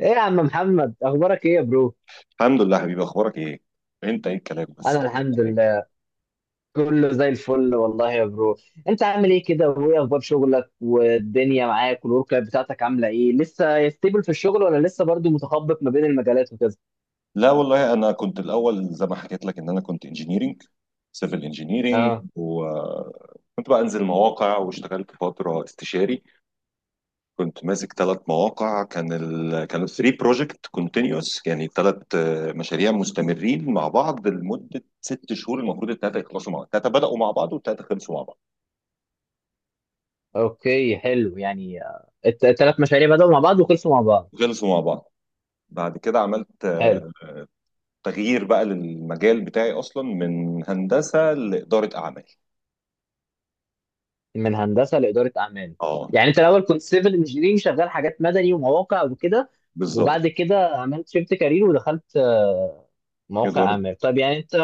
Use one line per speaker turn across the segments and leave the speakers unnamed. ايه يا عم محمد، اخبارك ايه يا برو؟
الحمد لله حبيبي، اخبارك ايه؟ انت ايه الكلام بس؟
انا
طيب،
الحمد
يعني.
لله، كله زي الفل والله يا برو. انت عامل ايه كده، وايه اخبار شغلك والدنيا معاك، والورك لايف بتاعتك عامله ايه؟ لسه ستيبل في الشغل، ولا لسه برضو متخبط ما بين المجالات وكده؟
لا والله، انا كنت الاول زي ما حكيت لك ان انا كنت سيفل انجينيرنج،
اه.
وكنت بقى انزل مواقع واشتغلت فتره استشاري. كنت ماسك 3 مواقع، كانوا 3 بروجكت كونتينوس، يعني 3 مشاريع مستمرين مع بعض لمده 6 شهور. المفروض الثلاثه يخلصوا مع بعض، الثلاثه بداوا مع بعض والثلاثه خلصوا مع بعض.
اوكي، حلو، يعني التلات مشاريع بدأوا مع بعض وخلصوا مع بعض.
خلصوا مع بعض. بعد كده عملت
حلو.
تغيير بقى للمجال بتاعي اصلا، من هندسه لاداره اعمال.
من هندسه لاداره اعمال؟
اه.
يعني انت الاول كنت سيفل انجينيرنج، شغال حاجات مدني ومواقع وكده،
بالظبط.
وبعد كده عملت شيفت كارير ودخلت مواقع
اداره.
اعمال. طب يعني انت،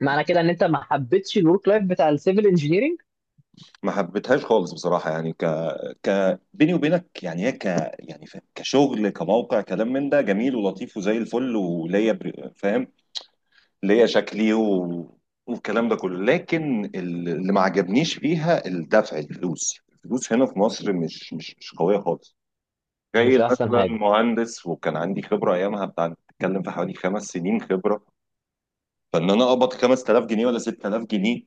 معنى كده ان انت ما حبيتش الورك لايف بتاع السيفل انجينيرنج؟
ما حبيتهاش خالص بصراحه، يعني ك ك بيني وبينك، يعني هي ك يعني ف- كشغل، كموقع، كلام من ده جميل ولطيف وزي الفل، وليا فاهم، ليا شكلي و... والكلام ده كله، لكن اللي ما عجبنيش فيها الدفع. الفلوس هنا في مصر مش قويه خالص. جاي
مش احسن
مثلا
حاجه.
مهندس وكان عندي خبره ايامها بتاع بتتكلم في حوالي 5 سنين خبره، فان انا اقبض 5000 جنيه ولا 6000 جنيه؟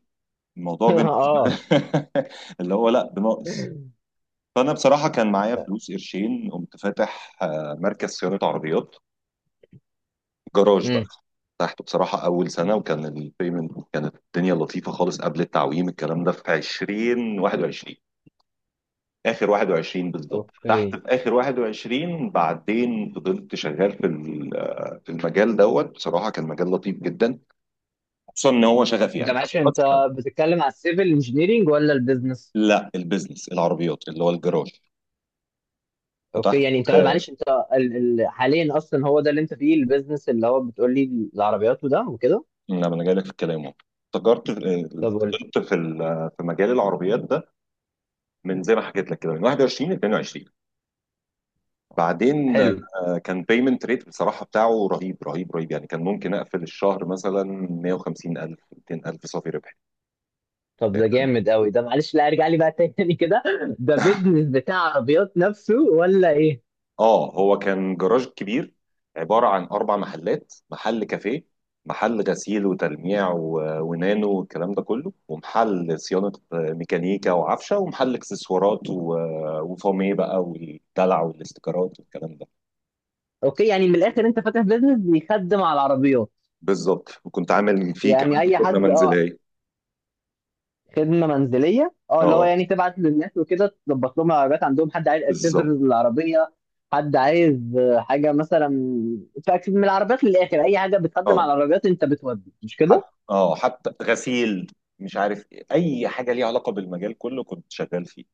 الموضوع بالنسبه لي
اه.
اللي هو لا بناقص. فانا بصراحه كان معايا
لا.
فلوس قرشين، قمت فاتح مركز صيانه عربيات، جراج بقى.
امم.
فتحته بصراحه اول سنه، وكان البيمنت، كانت الدنيا لطيفه خالص قبل التعويم. الكلام ده في 20، 21. اخر 21 بالظبط، فتحت
اوكي،
في اخر 21. بعدين فضلت شغال في ال- آه، في المجال دوت. بصراحه كان مجال لطيف جدا، خصوصا ان هو شغفي
انت
يعني.
معلش، انت بتتكلم على السيفل انجينيرنج ولا البيزنس؟
لا، البيزنس العربيات اللي هو الجراج.
اوكي
فتحت،
يعني انت معلش انت ال... حاليا اصلا هو ده اللي انت فيه، البيزنس اللي هو بتقول لي، العربيات وده وكده؟
لما انا جاي لك في الكلام اهو. تجارت،
طب قلت.
فضلت في مجال العربيات ده من زي ما حكيت لك كده من 21 ل 22. بعدين
حلو.
كان بيمنت ريت بصراحه بتاعه رهيب رهيب رهيب، يعني كان ممكن اقفل الشهر مثلا 150 الف، 200 الف صافي ربح.
طب ده جامد قوي ده، معلش لا ارجع لي بقى تاني كده، ده بيزنس بتاع عربيات نفسه ولا ايه؟
اه، هو كان جراج كبير عبارة عن 4 محلات: محل كافيه، محل غسيل وتلميع و- ونانو والكلام ده كله، ومحل صيانة ميكانيكا وعفشة، ومحل اكسسوارات و- وفوميه بقى، والدلع والاستيكرات والكلام ده.
اوكي، يعني من الاخر انت فاتح بيزنس بيخدم على العربيات.
بالظبط، وكنت عامل فيه
يعني
كمان
اي
خدمة
حد. اه.
منزلية.
خدمه منزليه، اه، اللي هو
اه،
يعني تبعت للناس وكده تظبط لهم العربيات عندهم، حد عايز اكسسوارز
بالظبط.
للعربيه، حد عايز حاجه مثلا. من العربيات للاخر، اي حاجه بتقدم
اه،
على العربيات انت بتودي، مش كده؟
حتى. اه حتى غسيل، مش عارف إيه. اي حاجه ليها علاقه بالمجال كله كنت شغال فيه.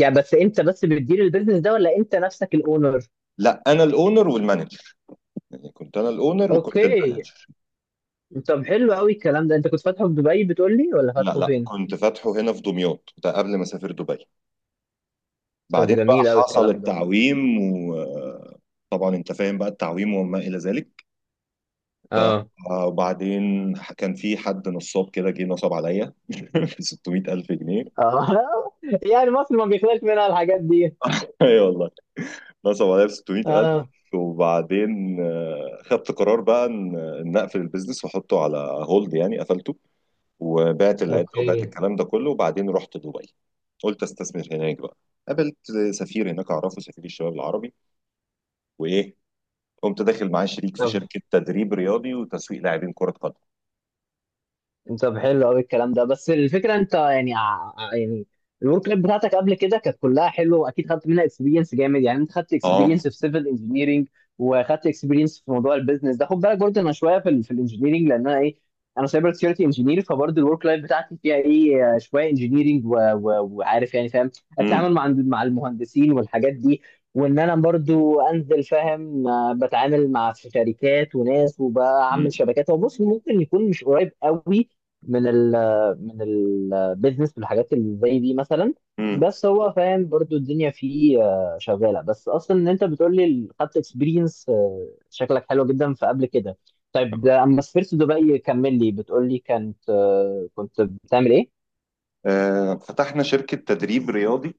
يعني بس انت بس بتدير البيزنس ده، ولا انت نفسك الاونر؟
لا، انا الاونر والمانجر. يعني كنت انا الاونر وكنت
اوكي.
المانجر.
طب حلو قوي الكلام ده. انت كنت فاتحه في دبي بتقول لي، ولا
لا
فاتحه
لا،
فين؟
كنت فاتحه هنا في دمياط، ده قبل ما اسافر دبي.
طب
بعدين بقى
جميل قوي
حصل
الكلام ده.
التعويم. وطبعا انت فاهم بقى التعويم وما الى ذلك. ف
اه.
وبعدين كان في حد نصاب كده، جه نصب عليا ب 600,000 جنيه.
اه. يعني مصر ما بيخلاش منها الحاجات دي.
اي والله، نصب عليا ب 600,000.
اه.
وبعدين خدت قرار بقى إن اقفل البيزنس واحطه على هولد، يعني قفلته وبعت العده وبعت
اوكي.
الكلام ده كله. وبعدين رحت دبي، قلت استثمر هناك بقى. قابلت سفير هناك اعرفه، سفير الشباب العربي، وايه، قمت داخل معاه شريك في
طب،
شركه تدريب رياضي وتسويق لاعبين كره قدم.
طب حلو قوي الكلام ده، بس الفكره انت يعني يعني الورك لايف بتاعتك قبل كده كانت كلها حلوه، واكيد خدت منها اكسبيرينس جامد. يعني انت خدت
اه.
اكسبيرينس في سيفل انجينيرنج، وخدت اكسبيرينس في موضوع البيزنس ده، خد بالك برضه انا شويه في ال في الانجينيرنج، لان انا ايه، انا سايبر سكيورتي انجينير، فبرضه الورك لايف بتاعتي فيها ايه شويه انجينيرنج، وعارف يعني، فاهم
امم.
التعامل مع المهندسين والحاجات دي، وان انا برضو انزل، فاهم، بتعامل مع شركات وناس، وبعمل
امم.
شبكات. هو بص، ممكن يكون مش قريب قوي من ال، من البيزنس والحاجات اللي زي دي مثلا،
امم
بس هو فاهم برضو الدنيا فيه شغاله، بس اصلا ان انت بتقول لي خدت اكسبيرينس، شكلك حلو جدا في قبل كده. طيب ده، اما سافرت دبي كمل لي، بتقول لي كانت كنت بتعمل ايه؟
فتحنا شركه تدريب رياضي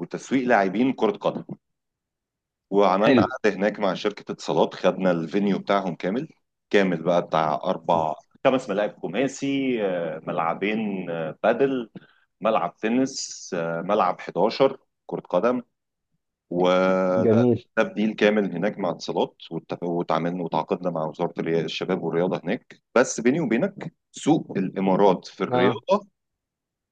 وتسويق لاعبين كره قدم.
حلو.
وعملنا قعدة هناك مع شركة اتصالات، خدنا الفينيو بتاعهم كامل. كامل بقى بتاع أربع، 5 ملاعب خماسي، ملعبين بادل، ملعب تنس، ملعب 11 كرة قدم، وده.
جميل.
ده بديل كامل هناك مع اتصالات، واتفق- واتعاملنا، وتعاقدنا مع وزارة الشباب والرياضة هناك. بس بيني وبينك، سوق الإمارات في
اه.
الرياضة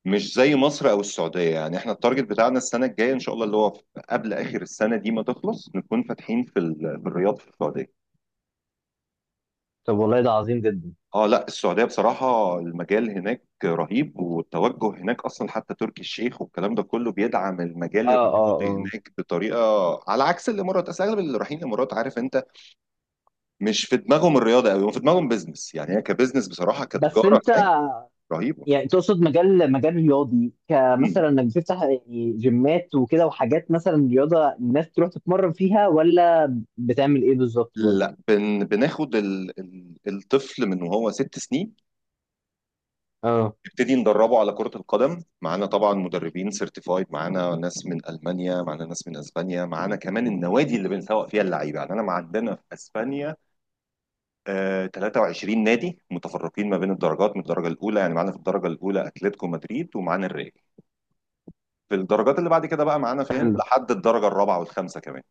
مش زي مصر او السعوديه. يعني احنا التارجت بتاعنا السنه الجايه ان شاء الله اللي هو قبل اخر السنه دي ما تخلص نكون فاتحين في الرياض في السعوديه.
طب والله ده عظيم جدا.
اه، لا، السعوديه بصراحه المجال هناك رهيب. والتوجه هناك اصلا، حتى تركي الشيخ والكلام ده كله بيدعم المجال
اه. اه.
الرياضي
اه.
هناك بطريقه. على عكس الامارات، اصل اغلب اللي رايحين الامارات، عارف انت، مش في دماغهم الرياضه قوي، في دماغهم بيزنس. يعني هي كبزنس بصراحه،
بس
كتجاره
انت
هناك رهيبه.
يعني تقصد مجال، مجال رياضي،
مم.
كمثلا انك بتفتح يعني جيمات وكده وحاجات مثلا رياضه الناس تروح تتمرن فيها، ولا بتعمل ايه بالظبط برضه؟
لا، بناخد الطفل من وهو 6 سنين،
اه.
نبتدي ندربه على كرة القدم. معانا طبعا مدربين سيرتيفايد، معانا ناس من ألمانيا، معانا ناس من أسبانيا، معانا كمان النوادي اللي بنسوق فيها اللعيبة. يعني أنا معدنا في أسبانيا آه 23 نادي متفرقين ما بين الدرجات، من الدرجة الأولى، يعني معانا في الدرجة الأولى أتلتيكو مدريد ومعانا الريال، في الدرجات اللي بعد كده بقى معانا فاهم لحد الدرجة الرابعة والخامسة كمان.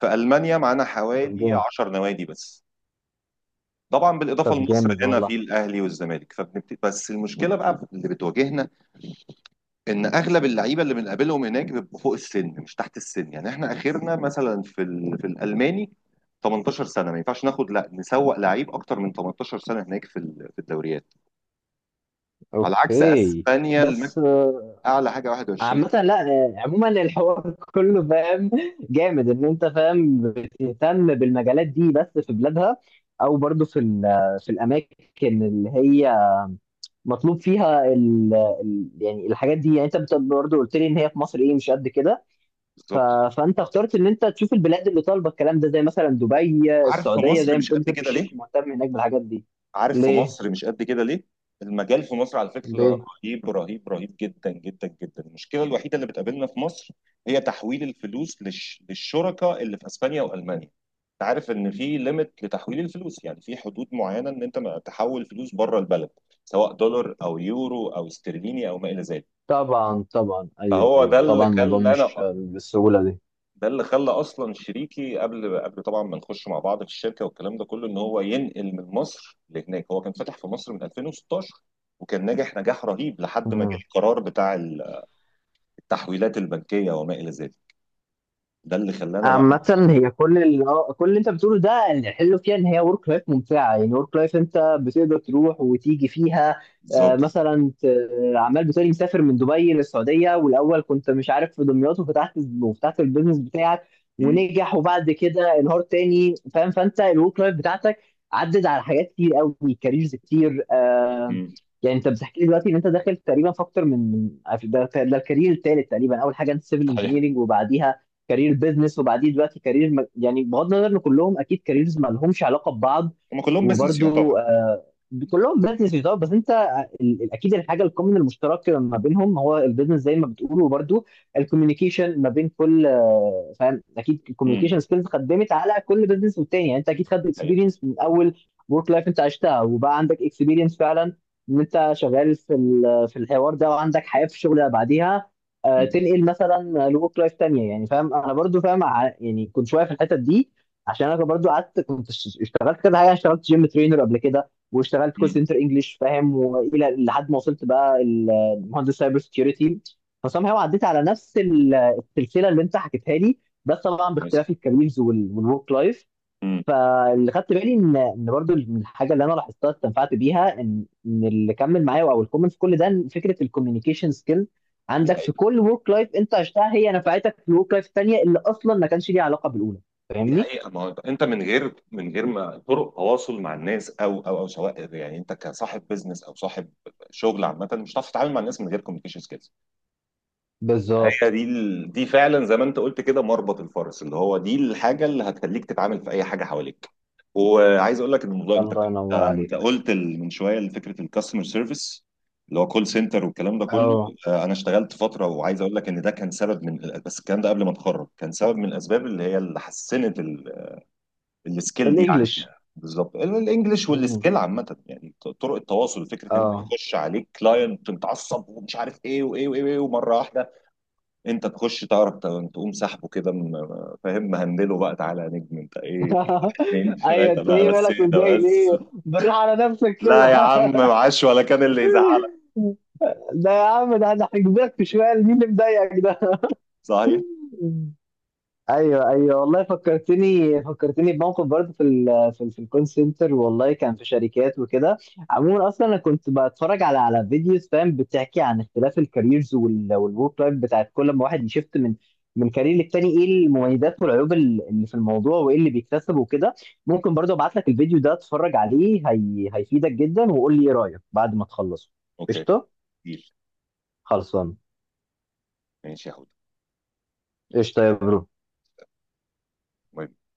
في ألمانيا معانا
طب
حوالي
جامد.
10 نوادي بس. طبعا بالإضافة
طب
لمصر
جامد
هنا
والله.
في الأهلي والزمالك. بس المشكلة بقى اللي بتواجهنا ان اغلب اللعيبه اللي بنقابلهم هناك بيبقوا فوق السن مش تحت السن. يعني احنا اخرنا مثلا في الالماني 18 سنه، ما ينفعش ناخد، لا نسوق لعيب اكتر من 18 سنه هناك في الدوريات. على عكس
اوكي.
اسبانيا، الماكس
بس
اعلى حاجه 21.
عامة لا، عموما الحوار كله، فاهم، جامد ان انت فاهم بتهتم بالمجالات دي بس في بلادها، او برضه في في الاماكن اللي هي مطلوب فيها ال ال يعني الحاجات دي. يعني انت برضه قلت لي ان هي في مصر ايه، مش قد كده. ف...
بالظبط.
فانت اخترت ان انت تشوف البلاد اللي طالبه الكلام ده، زي مثلا دبي،
عارف في
السعوديه، زي
مصر
ما
مش قد
بتقول تركي
كده
الشيخ
ليه؟
مهتم هناك بالحاجات دي.
عارف في
ليه؟
مصر مش قد كده ليه؟ المجال في مصر على فكرة
ليه؟
رهيب رهيب رهيب جدا جدا جدا. المشكلة الوحيدة اللي بتقابلنا في مصر هي تحويل الفلوس للشركاء اللي في اسبانيا والمانيا. انت عارف ان في ليميت لتحويل الفلوس، يعني في حدود معينة ان انت ما تحول فلوس بره البلد سواء دولار او يورو او استرليني او ما الى ذلك.
طبعا، طبعا، ايوه
فهو ده
ايوه،
اللي
طبعا الموضوع
خلى انا
مش بالسهوله
ده اللي خلى اصلا شريكي، قبل طبعا ما نخش مع بعض في الشركه والكلام ده كله، ان هو ينقل من مصر لهناك. هو كان فاتح في مصر من 2016، وكان ناجح نجاح رهيب لحد
دي.
ما جه القرار بتاع التحويلات البنكيه وما الى ذلك. ده اللي خلانا بقى.
عامة هي كل اللي كل اللي انت بتقوله ده، الحلو فيها ان هي ورك لايف ممتعة، يعني ورك لايف انت بتقدر تروح وتيجي فيها، آه،
بالظبط.
مثلا ت- عمال بتقولي مسافر من دبي للسعودية، والاول كنت مش عارف في دمياط، وفتحت وفتحت البيزنس بتاعك
مم.
ونجح، وبعد كده انهار تاني، فاهم؟ فانت الورك لايف بتاعتك عدد على حاجات كتير قوي، كاريرز كتير
مم.
يعني انت بتحكي لي دلوقتي ان انت داخل تقريبا في اكتر من ده ده الكارير التالت تقريبا. اول حاجه انت سيفل
صحيح.
انجينيرنج، وبعديها كارير بيزنس، وبعدين دلوقتي كارير يعني بغض النظر ان كلهم اكيد كاريرز ما لهمش علاقه ببعض،
هم كلهم بيزنس
وبرده،
يعتبر.
آه، كلهم بيزنس يعتبر، بس انت اكيد الحاجه الكومن المشترك ما بينهم هو البيزنس زي ما بتقول. وبرده الكوميونيكيشن ما بين كل آه، فاهم، اكيد
امم
الكوميونيكيشن سكيلز خدمت على كل بيزنس والتاني. يعني انت اكيد خدت
حقيقة.
اكسبيرينس من اول ورك لايف انت عشتها، وبقى عندك اكسبيرينس فعلا ان انت شغال في في الحوار ده، وعندك حياه في الشغل، بعديها
امم
تنقل مثلا لوك لايف تانية. يعني فاهم، انا برضو فاهم يعني كنت شويه في الحتت دي، عشان انا برضو قعدت كنت اشتغلت كده حاجه، اشتغلت جيم ترينر قبل كده، واشتغلت كول
امم
سنتر انجلش، فاهم، والى لحد ما وصلت بقى المهندس سايبر سكيورتي. فصام هو عديت على نفس السلسله اللي انت حكيتها لي، بس طبعا باختلاف
بس.
الكاريرز والورك لايف.
مم.
فاللي خدت بالي ان ان برضو من الحاجه اللي انا لاحظتها استنفعت بيها، ان ان اللي كمل معايا او الكومنت في كل ده، إن فكره الكوميونيكيشن سكيل
دي
عندك في كل ورك لايف انت عشتها هي نفعتك في الورك لايف الثانيه اللي اصلا ما كانش ليها علاقه بالاولى.
دي
فاهمني؟
حقيقة. ما هو انت من غير ما طرق تواصل مع الناس، او او سواء، يعني انت كصاحب بيزنس او صاحب شغل عامة، مش هتعرف تتعامل مع الناس من غير كوميونيكيشن سكيلز. هي
بالظبط.
دي دي فعلا زي ما انت قلت كده مربط الفرس، اللي هو دي الحاجة اللي هتخليك تتعامل في اي حاجة حواليك. وعايز اقول لك ان الموضوع،
الله ينور
انت
عليك.
قلت من شوية فكرة الكاستمر سيرفيس اللي هو كول سنتر والكلام ده كله.
اه.
انا اشتغلت فتره، وعايز اقول لك ان ده كان سبب من، بس الكلام ده قبل ما اتخرج، كان سبب من الاسباب اللي هي اللي حسنت السكيل دي عندي.
الانجليش.
بالظبط، الانجليش
مم.
والسكيل عامه يعني، طرق التواصل. فكره ان انت
اه.
يخش عليك كلاينت متعصب ومش عارف ايه وايه وايه، وإيه ومره واحده انت تخش تعرف تقوم سحبه كده، فاهم، مهندله بقى: تعالى يا نجم انت ايه، واحد اتنين
ايوه،
تلاته
انت
بقى
ايه
بس،
مالك
اهدى
متضايق
بس.
ليه؟ بالراحه على نفسك
لا
كده.
يا عم، معاش ولا كان اللي يزعل.
ده يا عم، ده انا هجيب لك في شويه مين اللي مضايقك ده.
صحيح.
ايوه ايوه والله، فكرتني، فكرتني بموقف برضه في في ال في الكول سنتر، والله كان في شركات وكده. عموما اصلا انا كنت بتفرج على فيديوز، فاهم، بتحكي عن اختلاف الكاريرز والورك لايف بتاعت كل ما واحد يشفت من كارير للتاني، ايه المميزات والعيوب اللي في الموضوع، وايه اللي بيكتسبه وكده. ممكن برضه ابعت لك الفيديو ده اتفرج عليه، هي هيفيدك جدا، وقول لي ايه رايك بعد ما تخلصه.
اوكي.
قشطه.
ديل.
خلصان.
ماشي يا
قشطه يا برو.
حود.